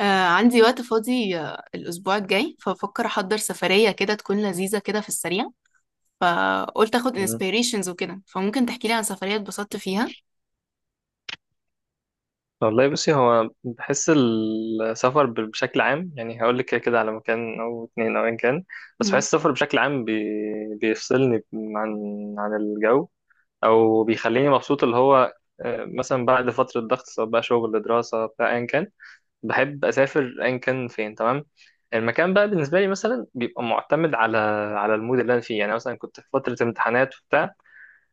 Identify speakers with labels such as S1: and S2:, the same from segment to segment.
S1: عندي وقت فاضي الأسبوع الجاي، ففكر أحضر سفرية كده تكون لذيذة كده في السريع. فقلت أخد
S2: مم.
S1: inspirations وكده، فممكن تحكيلي عن سفرية اتبسطت فيها؟
S2: والله بصي هو بحس السفر بشكل عام، يعني هقول لك كده كده على مكان او اتنين او ايا كان. بس
S1: مم.
S2: بحس السفر بشكل عام بيفصلني عن الجو، او بيخليني مبسوط اللي هو مثلا بعد فترة ضغط سواء بقى شغل دراسة بتاع ايا كان. بحب اسافر ايا كان فين، تمام. المكان بقى بالنسبة لي مثلا بيبقى معتمد على المود اللي انا فيه. يعني مثلا كنت في فترة امتحانات وبتاع،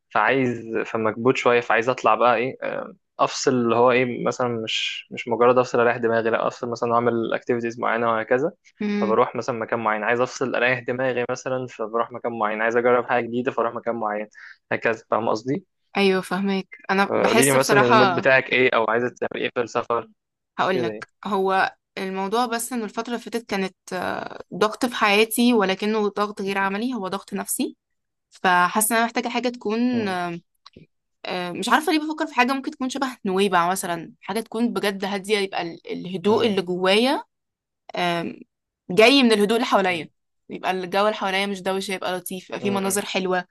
S2: فمكبوت شويه، فعايز اطلع بقى ايه، افصل اللي هو ايه، مثلا مش مجرد افصل اريح دماغي، لا افصل مثلا واعمل اكتيفيتيز معينه وهكذا.
S1: مم.
S2: فبروح مثلا مكان معين عايز افصل اريح دماغي، مثلا فبروح مكان معين عايز اجرب حاجه جديده فاروح مكان معين. هكذا، فاهم قصدي؟
S1: أيوة فهمك. أنا
S2: قولي لي
S1: بحس
S2: مثلا المود
S1: بصراحة،
S2: بتاعك ايه او عايزه تعمل ايه في السفر، كده يعني.
S1: هقولك هو الموضوع بس إنه الفترة اللي فاتت كانت ضغط في حياتي، ولكنه ضغط غير عملي، هو ضغط نفسي. فحاسة إن أنا محتاجة حاجة تكون
S2: مم.
S1: مش عارفة ليه بفكر في حاجة ممكن تكون شبه نويبع مثلا، حاجة تكون بجد هادية، يبقى الهدوء
S2: مم.
S1: اللي جوايا آم، جاي من الهدوء اللي حواليا،
S2: مم.
S1: يبقى الجو اللي حواليا مش دوشة، يبقى لطيف، يبقى فيه مناظر
S2: مم.
S1: حلوة.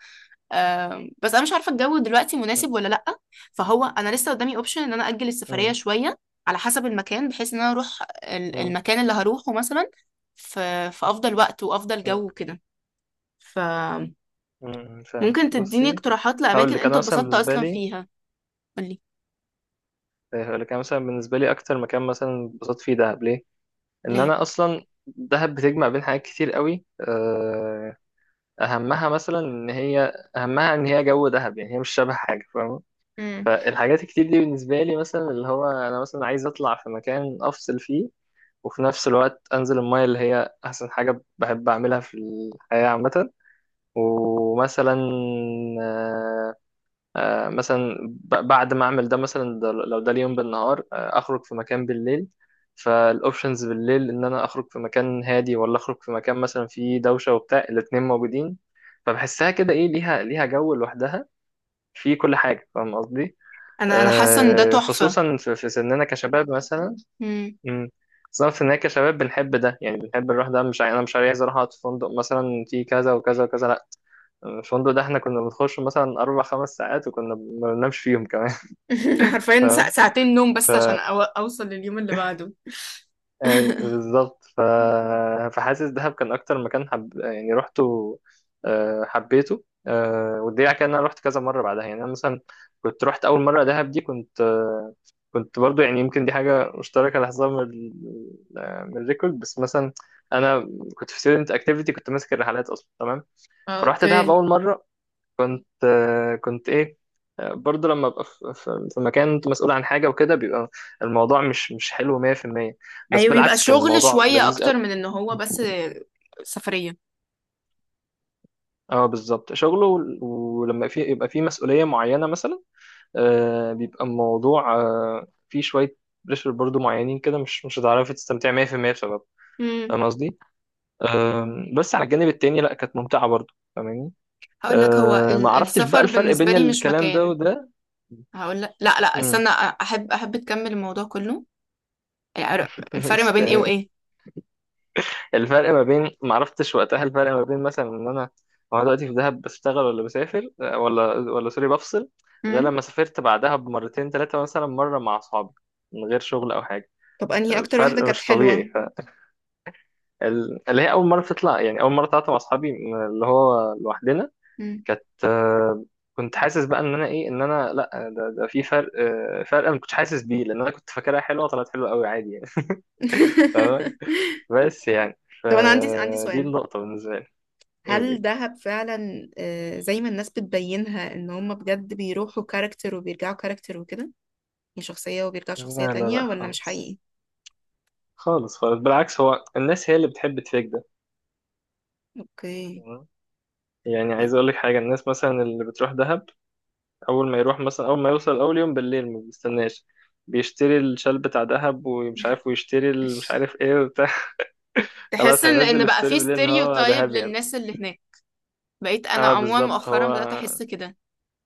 S1: بس أنا مش عارفة الجو دلوقتي مناسب
S2: مم.
S1: ولا لأ. فهو أنا لسه قدامي أوبشن إن أنا أجل السفرية
S2: مم.
S1: شوية، على حسب المكان، بحيث إن أنا أروح ال-
S2: مم.
S1: المكان اللي هروحه مثلا في في أفضل وقت وأفضل جو وكده. فممكن
S2: مم. فاهم.
S1: تديني
S2: بصي،
S1: اقتراحات
S2: هقول
S1: لأماكن
S2: لك
S1: أنت
S2: انا مثلا
S1: اتبسطت
S2: بالنسبه
S1: أصلا
S2: لي
S1: فيها؟ قولي
S2: هقول لك أنا مثلا بالنسبة لي أكتر مكان مثلا اتبسطت فيه دهب. ليه؟ إن
S1: ليه.
S2: أنا أصلا دهب بتجمع بين حاجات كتير قوي. أهمها إن هي جو دهب، يعني هي مش شبه حاجة، فاهمة؟
S1: مم.
S2: فالحاجات الكتير دي بالنسبة لي مثلا اللي هو أنا مثلا عايز أطلع في مكان أفصل فيه، وفي نفس الوقت أنزل المايه اللي هي أحسن حاجة بحب أعملها في الحياة عامة. ومثلا آه، مثلا بعد ما اعمل ده، مثلا ده لو ده اليوم بالنهار اخرج في مكان بالليل. فالاوبشنز بالليل ان انا اخرج في مكان هادي، ولا اخرج في مكان مثلا فيه دوشه وبتاع، الاتنين موجودين. فبحسها كده ايه، ليها جو لوحدها في كل حاجه، فاهم قصدي؟
S1: أنا حاسة إن ده تحفة.
S2: خصوصا في سننا كشباب مثلا.
S1: مم.
S2: امم بالظبط، ان هي كشباب بنحب ده. يعني بنحب نروح ده، مش عاي- انا مش عايز اروح اقعد في فندق مثلا في كذا وكذا وكذا، لا. الفندق ده احنا كنا بنخش مثلا اربع خمس ساعات وكنا ما بننامش فيهم كمان.
S1: حرفيا
S2: فاهم؟
S1: ساعتين نوم بس عشان أوصل لليوم اللي بعده.
S2: اي بالظبط. فحاسس دهب كان اكتر مكان يعني رحته حبيته. والدليل على كده ان انا رحت كذا مره بعدها. يعني انا مثلا كنت رحت اول مره دهب دي، كنت كنت برضو، يعني يمكن دي حاجه مشتركه لاحظها من الريكورد. بس مثلا انا كنت في ستودنت اكتيفيتي، كنت ماسك الرحلات اصلا، تمام. فرحت دهب
S1: اوكي.
S2: اول مره كنت ايه، برضه لما ابقى في مكان انت مسؤول عن حاجه وكده، بيبقى الموضوع مش حلو 100%. بس
S1: ايوه بيبقى
S2: بالعكس كان
S1: شغل
S2: الموضوع
S1: شوية
S2: لذيذ قوي.
S1: اكتر من ان هو بس سفرية.
S2: اه بالظبط، شغله. ولما في يبقى في مسؤوليه معينه مثلا، بيبقى الموضوع فيه شويه بريشر برضه معينين كده، مش هتعرفي تستمتعي 100% بسبب،
S1: امم
S2: فاهم قصدي؟ بس على الجانب التاني لا، كانت ممتعه برضه، فاهماني؟
S1: هقول لك، هو
S2: ما
S1: ال-
S2: عرفتش بقى
S1: السفر
S2: الفرق
S1: بالنسبة
S2: بين
S1: لي مش
S2: الكلام ده
S1: مكان.
S2: وده.
S1: هقول لك، لا لا
S2: مم.
S1: استنى، احب تكمل الموضوع كله. الفرق ما بين ايه
S2: ماشي.
S1: وايه؟
S2: الفرق ما بين ما عرفتش وقتها الفرق ما بين مثلا ان انا وانا دلوقتي في دهب بشتغل ولا بسافر ولا سوري بفصل، غير
S1: امم
S2: لما سافرت بعدها بمرتين ثلاثة، مثلا مرة مع أصحابي من غير شغل أو حاجة.
S1: طب انهي اكتر واحدة
S2: فرق
S1: كانت
S2: مش
S1: حلوة؟
S2: طبيعي. اللي هي أول مرة تطلع، يعني أول مرة طلعت مع أصحابي من اللي هو لوحدنا،
S1: امم
S2: كانت آه، كنت حاسس بقى إن أنا لأ. ده في فرق، فرق أنا ما كنتش حاسس بيه لأن أنا كنت فاكرها حلوة. طلعت حلوة قوي عادي يعني. فاهمة؟ بس يعني
S1: طب انا عندي
S2: فدي
S1: سؤال،
S2: النقطة بالنسبة
S1: هل
S2: لي.
S1: دهب فعلا زي ما الناس بتبينها، ان هم بجد بيروحوا كاركتر وبيرجعوا كاركتر وكده، يعني شخصية وبيرجعوا
S2: لا،
S1: شخصية
S2: لا،
S1: تانية،
S2: لا
S1: ولا مش
S2: خالص.
S1: حقيقي؟
S2: خالص خالص، بالعكس، هو الناس هي اللي بتحب تفيك ده،
S1: اوكي.
S2: تمام؟ يعني عايز اقول لك حاجه، الناس مثلا اللي بتروح دهب، اول ما يوصل اول يوم بالليل ما بيستناش، بيشتري الشال بتاع دهب ومش عارف، ويشتري مش عارف ايه وبتاع.
S1: تحس
S2: خلاص
S1: ان
S2: هينزل
S1: بقى
S2: الستوري
S1: في
S2: بالليل ان هو
S1: ستيريوتايب
S2: دهب يعني.
S1: للناس اللي هناك. بقيت انا
S2: اه
S1: عموما
S2: بالظبط،
S1: مؤخرا
S2: هو
S1: بدأت احس كده.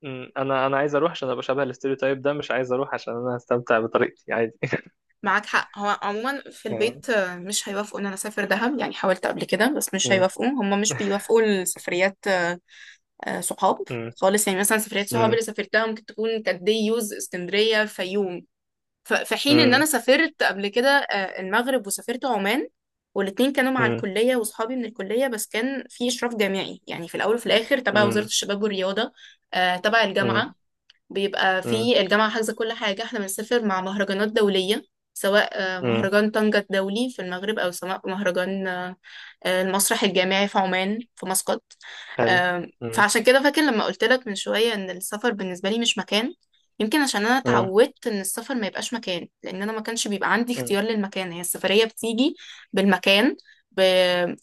S2: انا عايز اروح عشان ابقى شبه الاستوريو تايب ده، مش عايز اروح عشان انا هستمتع بطريقتي عادي.
S1: معاك حق. هو عموما في
S2: تمام؟
S1: البيت مش هيوافقوا ان انا اسافر دهب، يعني حاولت قبل كده بس مش
S2: م.
S1: هيوافقوا، هم مش بيوافقوا لسفريات صحاب
S2: م.
S1: خالص. يعني مثلا سفريات صحاب
S2: م.
S1: اللي سافرتها ممكن تكون كانت دي يوز اسكندرية الفيوم، في حين ان
S2: م.
S1: انا سافرت قبل كده المغرب وسافرت عمان، والاتنين كانوا مع
S2: م.
S1: الكلية واصحابي من الكلية، بس كان في إشراف جامعي، يعني في الأول وفي الآخر تبع وزارة
S2: م.
S1: الشباب والرياضة، تبع
S2: م.
S1: الجامعة. بيبقى
S2: م.
S1: في الجامعة حاجزة كل حاجة، احنا بنسافر مع مهرجانات دولية، سواء
S2: م.
S1: مهرجان طنجة الدولي في المغرب، أو سواء مهرجان المسرح الجامعي في عمان في مسقط.
S2: حلو. مم.
S1: فعشان كده فاكر لما قلت لك من شوية ان السفر بالنسبة لي مش مكان. يمكن عشان انا
S2: مم.
S1: اتعودت ان السفر ما يبقاش مكان، لان انا ما كانش بيبقى عندي
S2: مم.
S1: اختيار للمكان، هي السفرية بتيجي بالمكان، ب...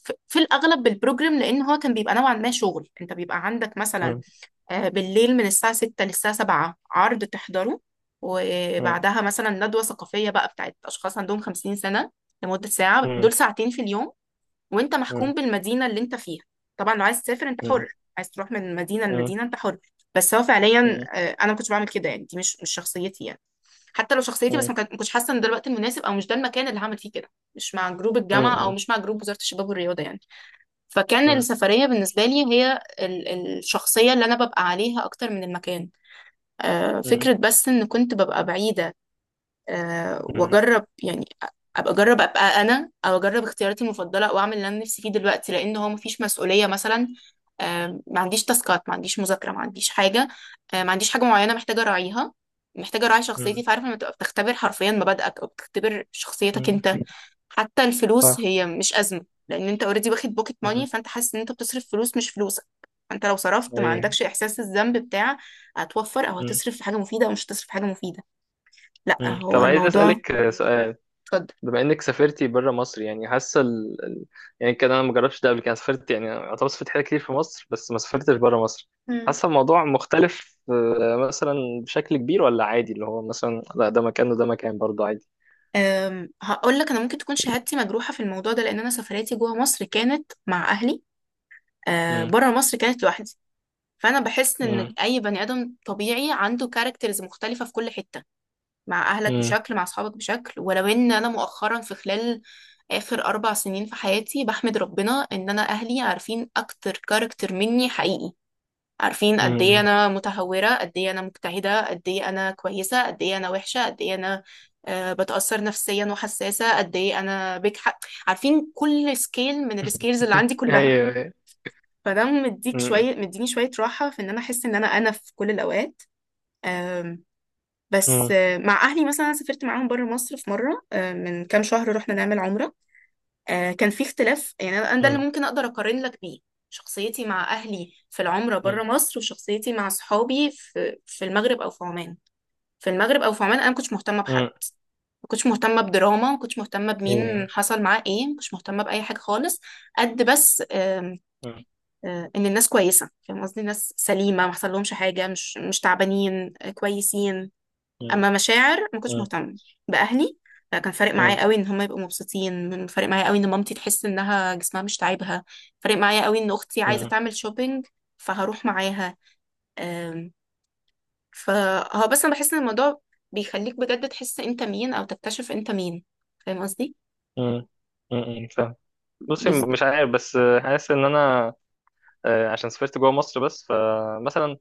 S1: في الاغلب بالبروجرام، لان هو كان بيبقى نوعا ما شغل. انت بيبقى عندك مثلا
S2: مم.
S1: بالليل من الساعة 6 للساعة 7 عرض تحضره،
S2: مم.
S1: وبعدها مثلا ندوة ثقافية بقى بتاعت اشخاص عندهم 50 سنة لمدة ساعة دول ساعتين في اليوم، وانت محكوم
S2: مم.
S1: بالمدينة اللي انت فيها. طبعا لو عايز تسافر انت
S2: مم.
S1: حر، عايز تروح من مدينة
S2: مم.
S1: لمدينة انت حر، بس هو فعليا
S2: مم.
S1: انا ما كنتش بعمل كده، يعني دي مش شخصيتي يعني. حتى لو شخصيتي، بس
S2: مم.
S1: ما كنتش حاسة ان ده الوقت المناسب، او مش ده المكان اللي هعمل فيه كده، مش مع جروب
S2: مم.
S1: الجامعة او
S2: مم.
S1: مش مع جروب وزارة الشباب والرياضة يعني. فكان السفرية بالنسبة لي هي الشخصية اللي انا ببقى عليها اكتر من المكان.
S2: مم.
S1: فكرة بس ان كنت ببقى بعيدة
S2: مم.
S1: واجرب يعني، ابقى اجرب ابقى انا، او اجرب اختياراتي المفضله واعمل اللي انا نفسي فيه دلوقتي، لان هو مفيش مسؤوليه مثلا. ما عنديش تاسكات، ما عنديش مذاكره، ما عنديش حاجه، ما عنديش حاجه معينه محتاجه اراعيها، محتاجه اراعي شخصيتي.
S2: مم.
S1: فعارفه لما تبقى بتختبر حرفيا مبادئك او بتختبر شخصيتك
S2: مم.
S1: انت، حتى الفلوس
S2: صح.
S1: هي مش ازمه، لان انت اوريدي واخد بوكيت ماني،
S2: مم.
S1: فانت حاسس ان انت بتصرف فلوس مش فلوسك. فانت لو صرفت ما
S2: أيوة.
S1: عندكش احساس الذنب بتاع هتوفر او
S2: مم.
S1: هتصرف في حاجه مفيده او مش هتصرف في حاجه مفيده، لا
S2: مم.
S1: هو
S2: طب عايز
S1: الموضوع.
S2: أسألك سؤال.
S1: اتفضل.
S2: بما إنك سافرتي بره مصر، يعني حاسة يعني كده أنا ما جربتش ده قبل كده، أنا سافرت، يعني أعتبر سافرت حاجات كتير في مصر بس ما سافرتش بره مصر.
S1: مم.
S2: حاسة الموضوع مختلف، مثلا بشكل كبير، ولا عادي اللي هو مثلا لا ده مكان وده مكان برضه عادي؟
S1: هقول لك، انا ممكن تكون شهادتي مجروحه في الموضوع ده، لان انا سفرياتي جوه مصر كانت مع اهلي،
S2: مم.
S1: بره مصر كانت لوحدي. فانا بحس ان
S2: مم.
S1: اي بني ادم طبيعي عنده كاركترز مختلفه في كل حته، مع اهلك
S2: مم.
S1: بشكل، مع اصحابك بشكل، ولو ان انا مؤخرا في خلال اخر 4 سنين في حياتي بحمد ربنا ان انا اهلي عارفين اكتر كاركتر مني حقيقي. عارفين قد ايه
S2: مم.
S1: انا متهوره، قد ايه انا مجتهده، قد ايه انا كويسه، قد ايه انا وحشه، قد ايه انا بتاثر نفسيا وحساسه، قد ايه انا بجحق، عارفين كل سكيل من السكيلز اللي عندي كلها.
S2: ايوه.
S1: فده مديك
S2: أمم.
S1: شويه، مديني شويه راحه في ان انا احس ان انا في كل الاوقات. آم، بس
S2: أمم.
S1: مع اهلي مثلا أنا سافرت معاهم بره مصر في مره من كام شهر رحنا نعمل عمره. كان في اختلاف، يعني انا ده اللي
S2: أمم.
S1: ممكن اقدر اقارن لك بيه، شخصيتي مع اهلي في العمره بره
S2: أمم.
S1: مصر، وشخصيتي مع صحابي في المغرب او في عمان. في المغرب او في عمان انا ما كنتش مهتمه بحد،
S2: أمم.
S1: ما كنتش مهتمه بدراما، ما كنتش مهتمه بمين
S2: أيوة.
S1: حصل معاه ايه، ما كنتش مهتمه باي حاجه خالص. قد بس
S2: أمم.
S1: ان الناس كويسه، فاهم قصدي، الناس سليمه، ما حصل لهمش حاجه، مش تعبانين كويسين.
S2: أمم.
S1: اما مشاعر ما كنتش
S2: أمم.
S1: مهتمه باهلي. كان فارق
S2: أمم.
S1: معايا قوي ان هم يبقوا مبسوطين، فارق معايا قوي ان مامتي تحس انها جسمها مش تعبها، فارق معايا قوي ان اختي عايزه
S2: أمم.
S1: تعمل شوبينج فهروح معاها. آم، فهو بس انا بحس ان الموضوع بيخليك بجد تحس انت مين او تكتشف انت مين، فاهم قصدي؟
S2: أمم. أمم. فاهم. بصي
S1: بز...
S2: مش عارف، بس حاسس ان انا عشان سافرت جوه مصر بس، فمثلا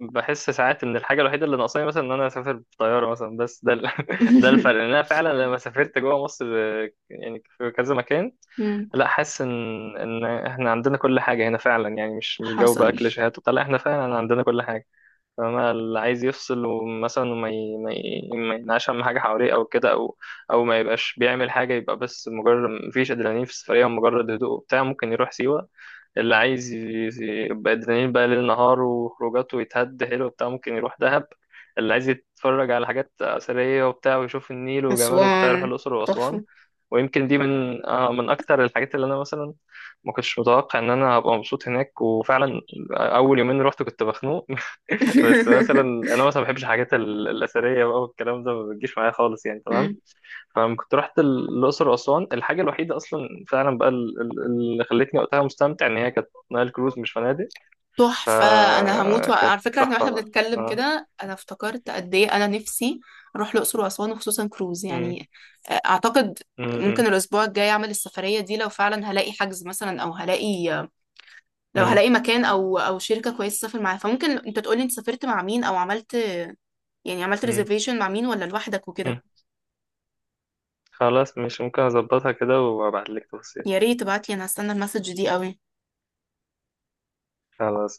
S2: بحس ساعات ان الحاجه الوحيده اللي ناقصاني مثلا ان انا اسافر بطياره مثلا، بس ده ده الفرق. ان انا فعلا لما سافرت جوه مصر يعني في كذا مكان،
S1: مم.
S2: لا حاسس ان احنا عندنا كل حاجه هنا فعلا. يعني مش جو بقى
S1: حصل.
S2: كليشيهات وبتاع، لا احنا فعلا عندنا كل حاجه. فانا اللي عايز يفصل، ومثلا وما ي... ما ي... ما ينعش اهم حاجه حواليه او كده، او او ما يبقاش بيعمل حاجه، يبقى بس مجرد مفيش ادرينالين في السفريه ومجرد هدوء وبتاع، ممكن يروح سيوه. اللي عايز ي- يبقى ادرينالين بقى ليل نهار وخروجات ويتهد حلو وبتاع، ممكن يروح دهب. اللي عايز يتفرج على حاجات اثريه وبتاع ويشوف النيل وجماله وبتاع،
S1: اسوان
S2: يروح الاقصر واسوان.
S1: تحفه.
S2: ويمكن دي من اكتر الحاجات اللي انا مثلا ما كنتش متوقع ان انا هبقى مبسوط هناك، وفعلا اول يومين رحت كنت مخنوق. بس مثلا انا مثلا ما بحبش الحاجات الاثريه بقى والكلام ده، ما بتجيش معايا خالص يعني، تمام؟ فلما كنت رحت الاقصر واسوان، الحاجه الوحيده اصلا فعلا بقى اللي خلتني وقتها مستمتع ان هي كانت نايل كروز مش فنادق.
S1: تحفة. أنا هموت،
S2: فكانت
S1: على فكرة احنا
S2: تحفه
S1: واحنا
S2: بقى،
S1: بنتكلم
S2: اه.
S1: كده أنا افتكرت قد إيه أنا نفسي أروح الأقصر وأسوان وخصوصا كروز
S2: أمم.
S1: يعني. أعتقد
S2: أمم.
S1: ممكن
S2: أمم.
S1: الأسبوع الجاي أعمل السفرية دي، لو فعلا هلاقي حجز مثلا، أو هلاقي، لو
S2: أمم.
S1: هلاقي مكان أو شركة كويسة أسافر معاها. فممكن أنت تقولي أنت سافرت مع مين، أو عملت يعني عملت
S2: أمم.
S1: ريزرفيشن مع مين، ولا لوحدك وكده؟
S2: أمم. خلاص مش ممكن اظبطها كده وابعت لك تفاصيل.
S1: يا ريت تبعتلي، أنا هستنى المسج دي أوي.
S2: خلاص.